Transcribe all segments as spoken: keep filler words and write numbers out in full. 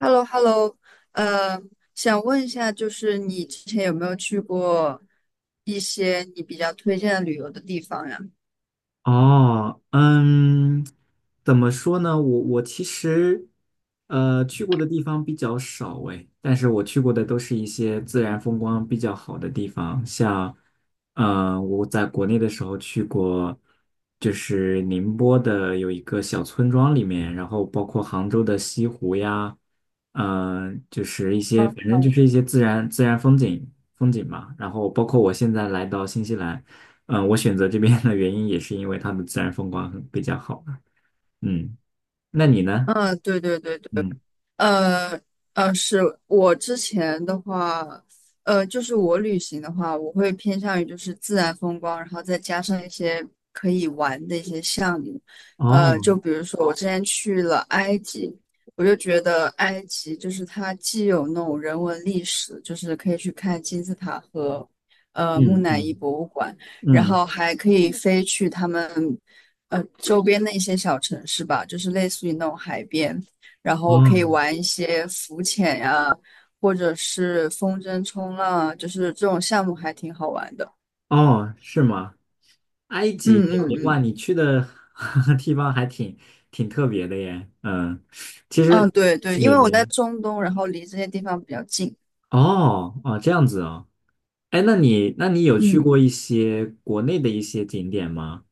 h e l l o h e l l o 呃，想问一下，就是你之前有没有去过一些你比较推荐的旅游的地方呀？哦，嗯，怎么说呢？我我其实，呃，去过的地方比较少诶，但是我去过的都是一些自然风光比较好的地方，像，呃，我在国内的时候去过，就是宁波的有一个小村庄里面，然后包括杭州的西湖呀，嗯、呃就是一些，嗯，反正就是一些自然自然风景风景嘛，然后包括我现在来到新西兰。嗯，我选择这边的原因也是因为它的自然风光很比较好吧。嗯，那你呢？嗯对对对对，嗯，呃呃，是我之前的话，呃，就是我旅行的话，我会偏向于就是自然风光，然后再加上一些可以玩的一些项目。呃，哦，就比如说我之前去了埃及，我就觉得埃及就是它既有那种人文历史，就是可以去看金字塔和呃木嗯乃伊嗯博物馆，然嗯，后还可以飞去他们呃周边的一些小城市吧，就是类似于那种海边。然后可以哦玩一些浮潜呀、或者是风筝冲浪啊，就是这种项目还挺好玩的。哦，是吗？埃嗯及那嗯边，哇，嗯你去的 地方还挺挺特别的耶。嗯，其实，嗯，对对，因对为我在对，中东，然后离这些地方比较近。哦哦，这样子哦。哎，那你那你有去嗯。过一些国内的一些景点吗？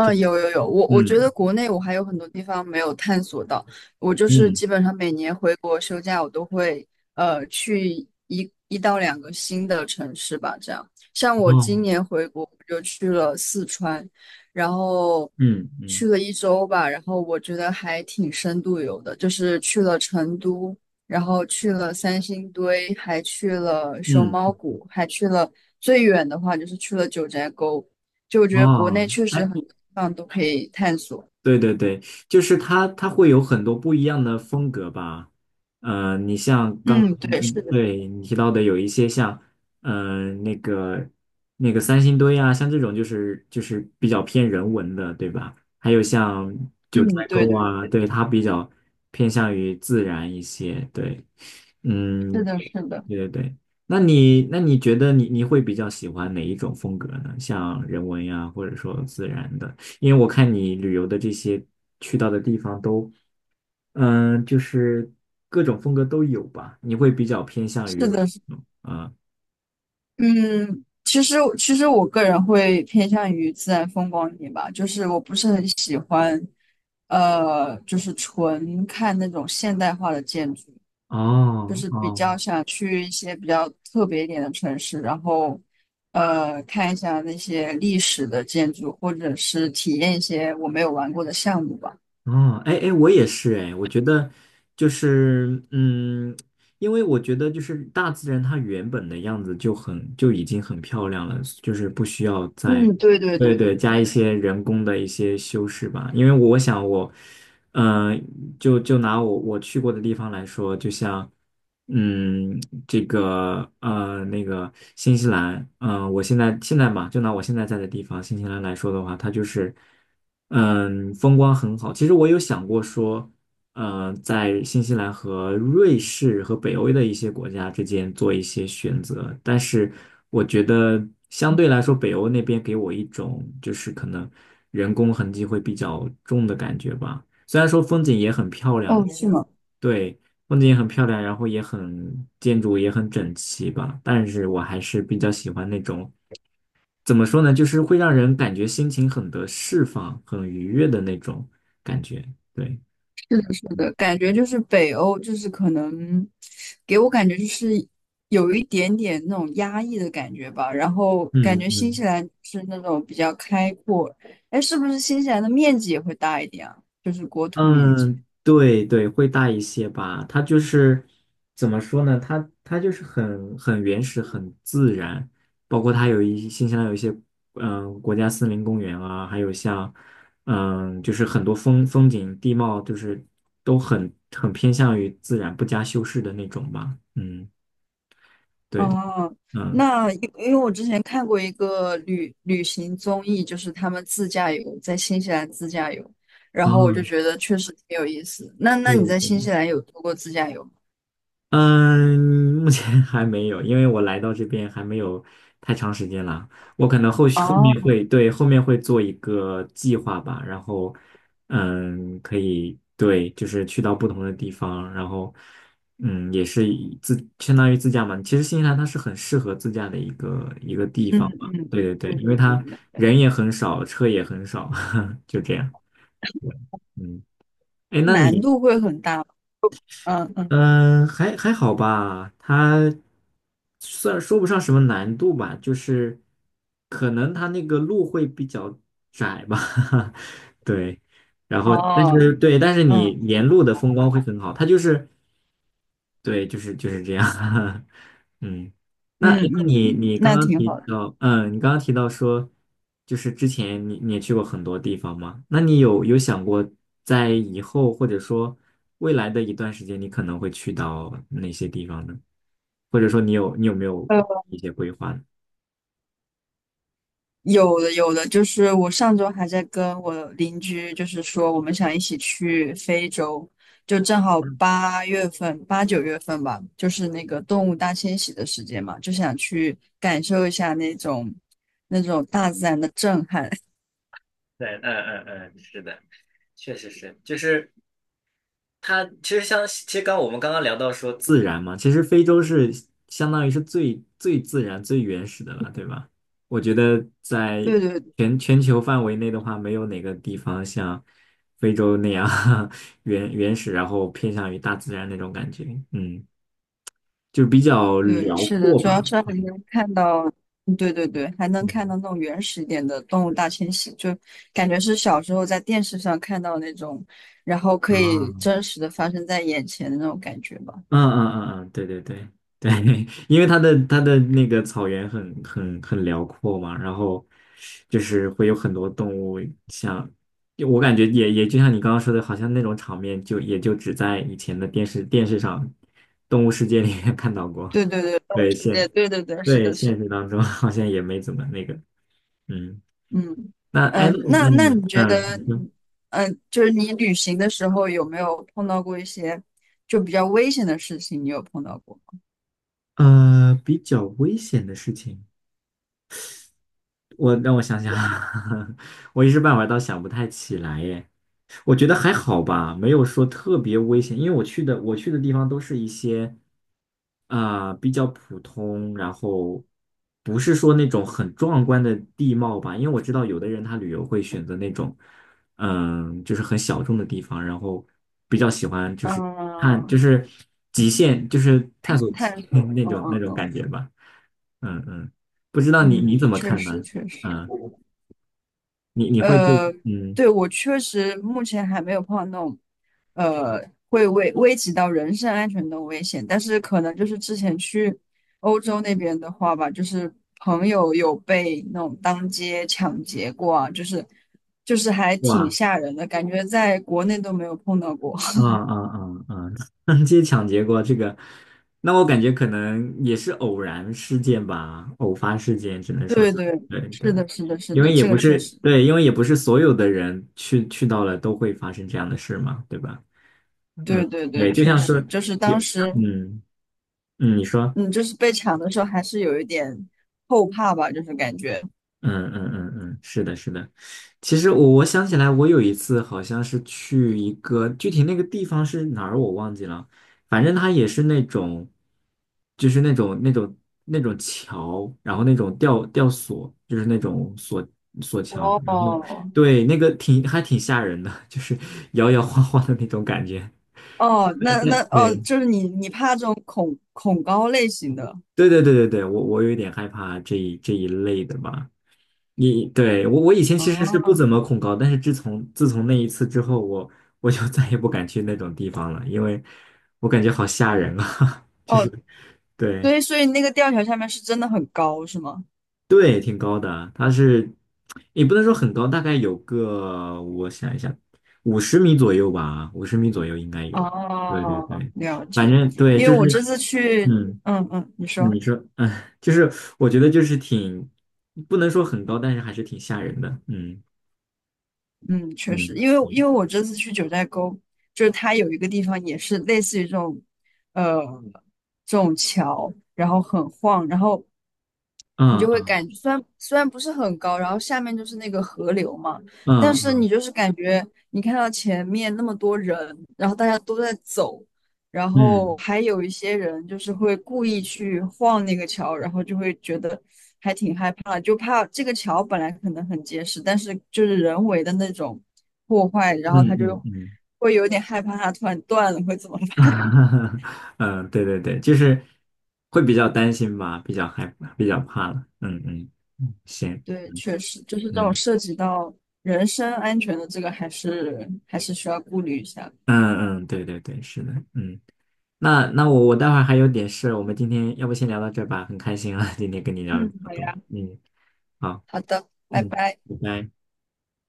就有有有，我我觉嗯得国内我还有很多地方没有探索到。我就是嗯基本上每年回国休假，我都会呃去一一到两个新的城市吧。这样，像我哦今年回国，我就去了四川，然后嗯嗯去了一周吧。然后我觉得还挺深度游的，就是去了成都，然后去了三星堆，还去了熊嗯猫谷，还去了最远的话就是去了九寨沟。就我觉得国哦，内确实哎。很多地方都可以探索。对对对，就是它，它会有很多不一样的风格吧。呃，你像刚，嗯，对，是嗯的，对你提到的有一些像，呃，那个那个三星堆啊，像这种就是就是比较偏人文的，对吧？还有像九嗯，寨对沟对，啊，对，它比较偏向于自然一些。对，是嗯，的，是的，对对对。那你那你觉得你你会比较喜欢哪一种风格呢？像人文呀，或者说自然的？因为我看你旅游的这些去到的地方都，嗯，就是各种风格都有吧？你会比较偏向是于，的，是嗯，嗯，其实其实我个人会偏向于自然风光一点吧，就是我不是很喜欢，呃，就是纯看那种现代化的建筑，就哦是比哦较想去一些比较特别一点的城市，然后呃，看一下那些历史的建筑，或者是体验一些我没有玩过的项目吧。哦，哎哎，我也是哎，我觉得就是，嗯，因为我觉得就是大自然它原本的样子就很就已经很漂亮了，就是不需要再。嗯，对对对对对，对加一对。些人工的一些修饰吧，因为我想我，嗯、就就拿我我去过的地方来说，就像嗯，这个呃，那个新西兰，嗯、我现在现在嘛，就拿我现在在的地方新西兰来说的话，它就是，嗯，风光很好。其实我有想过说，呃，在新西兰和瑞士和北欧的一些国家之间做一些选择，但是我觉得相对来说，北欧那边给我一种就是可能人工痕迹会比较重的感觉吧。虽然说风景也很漂亮。哦，是吗？对，风景也很漂亮，然后也很建筑也很整齐吧。但是我还是比较喜欢那种，怎么说呢，就是会让人感觉心情很得释放、很愉悦的那种感觉。对，是嗯，的，感觉就是北欧，就是可能给我感觉就是有一点点那种压抑的感觉吧。然后感嗯觉新西嗯。兰是那种比较开阔。哎，是不是新西兰的面积也会大一点啊？就是国土面积。嗯，对对，会大一些吧。它就是怎么说呢？它它就是很很原始、很自然。包括它有一新西兰有一些嗯、呃国家森林公园啊，还有像嗯、就是很多风风景地貌，就是都很很偏向于自然、不加修饰的那种吧。嗯，对的，哦，嗯，那因因为我之前看过一个旅旅行综艺，就是他们自驾游，在新西兰自驾游，然后我就啊，觉得确实挺有意思。那那对你的在新对西兰有做过自驾游吗？嗯，目前 还没有，因为我来到这边还没有太长时间了。我可能后续后面哦会，对，后面会做一个计划吧，然后，嗯，可以，对，就是去到不同的地方，然后，嗯，也是以自相当于自驾嘛。其实新西兰它是很适合自驾的一个一个地嗯方吧。嗯，对对对对，因对为对它对，人也很少，车也很少，就这样。对，嗯，哎，那难你度会很大嗯嗯，嗯，还还好吧，它算说不上什么难度吧，就是可能它那个路会比较窄吧，对，然后但是哦，对，但是你嗯沿路的风光会很好，它就是对，就是就是这样，嗯。那嗯诶那嗯你嗯，你刚那刚挺提好的。到，嗯，你刚刚提到说，就是之前你你也去过很多地方嘛？那你有有想过在以后或者说未来的一段时间，你可能会去到哪些地方呢？或者说你有你有没有呃，一些规划呢？有的有的，就是我上周还在跟我邻居，就是说我们想一起去非洲，就正好八月份、八九月份吧，就是那个动物大迁徙的时间嘛，就想去感受一下那种那种大自然的震撼。对，嗯嗯嗯，是的，确实是，就是。它其实像，其实刚我们刚刚聊到说自然嘛，其实非洲是相当于是最最自然、最原始的了，对吧？我觉得在对对全全球范围内的话，没有哪个地方像非洲那样 原原始，然后偏向于大自然那种感觉，嗯，就比较对，辽是的，阔主要吧。是还能看到，嗯对对对，还能看嗯到那种原始一点的动物大迁徙，就感觉是小时候在电视上看到那种，然后可以啊，真实的发生在眼前的那种感觉吧。嗯嗯嗯嗯，对对对对，因为它的它的那个草原很很很辽阔嘛，然后就是会有很多动物像，就我感觉也也就像你刚刚说的，好像那种场面就也就只在以前的电视电视上《动物世界》里面看到过，对对对，动物对世界现对对对，是对的，是现的，实当中 好像也没怎么那个，嗯，嗯那哎那嗯，那那那你你觉嗯得，你说嗯，呃就是你旅行的时候有没有碰到过一些就比较危险的事情？你有碰到过吗？呃比较危险的事情。我让我想想，我一时半会儿倒想不太起来耶。我觉得还好吧，没有说特别危险，因为我去的我去的地方都是一些啊、比较普通，然后不是说那种很壮观的地貌吧，因为我知道有的人他旅游会选择那种嗯，就是很小众的地方，然后比较喜欢就是探就嗯，是极限，就是探索探极 索，那嗯种那嗯种嗯感觉吧，嗯嗯，不知道你你怎嗯，么确看呢？实确实。嗯，你你会对呃，嗯对，我确实目前还没有碰到那种，呃，会危危及到人身安全的危险，但是可能就是之前去欧洲那边的话吧，就是朋友有被那种当街抢劫过啊，就是就是还挺哇。吓人的，感觉在国内都没有碰到过。啊啊啊啊！街抢劫过这个，那我感觉可能也是偶然事件吧，偶发事件只 能说是对对，对对，是的，是的，是因为的，也这不个确是实，对，因为也不是所有的人去去到了都会发生这样的事嘛，对吧？对对对，对，就确像实，是就是有，当时，嗯嗯，你说。嗯，就是被抢的时候还是有一点后怕吧，就是感觉，嗯嗯嗯嗯，是的，是的。其实我我想起来，我有一次好像是去一个具体那个地方是哪儿我忘记了，反正它也是那种，就是那种那种那种桥，然后那种吊吊索，就是那种索索桥，然后哦。对那个挺还挺吓人的，就是摇摇晃晃的那种感觉。哦，那那哦，对就是你你怕这种恐恐高类型的。对对对对对，我我有一点害怕这一这一类的吧。你对我，我以前其实是不哦怎么恐高，但是自从自从那一次之后，我我就 再也不敢去那种地方了，因为我感觉好吓人啊，就哦，是对对，所以那个吊桥下面是真的很高，是吗？对，挺高的啊，它是也不能说很高，大概有个我想一下，五十米左右吧，五十米左右应该有。对对哦，对，了反解。正对，因为就我是这次去，嗯，嗯嗯，你说，你说嗯，就是我觉得就是挺不能说很高，但是还是挺吓人的，嗯嗯，确嗯。实，因为因为我这次去九寨沟，就是它有一个地方也是类似于这种，呃，这种桥，然后很晃，然后你嗯就会嗯感觉虽然虽然不是很高，然后下面就是那个河流嘛，但是嗯你就是感觉你看到前面那么多人，然后大家都在走，然后嗯还有一些人就是会故意去晃那个桥，然后就会觉得还挺害怕，就怕这个桥本来可能很结实，但是就是人为的那种破坏，嗯然后他嗯就嗯，会有点害怕它突然断了会怎么。 嗯，对对对，就是会比较担心吧，比较害怕比较怕了。嗯嗯，嗯行，对，嗯确实，就是这种嗯涉及到人身安全的这个，还是还是需要顾虑一下的。嗯嗯，对对对，是的，嗯。那那我我待会儿还有点事，我们今天要不先聊到这儿吧，很开心啊，今天跟你聊了这嗯，么好多。呀，嗯，好，好的，拜嗯，拜。拜拜。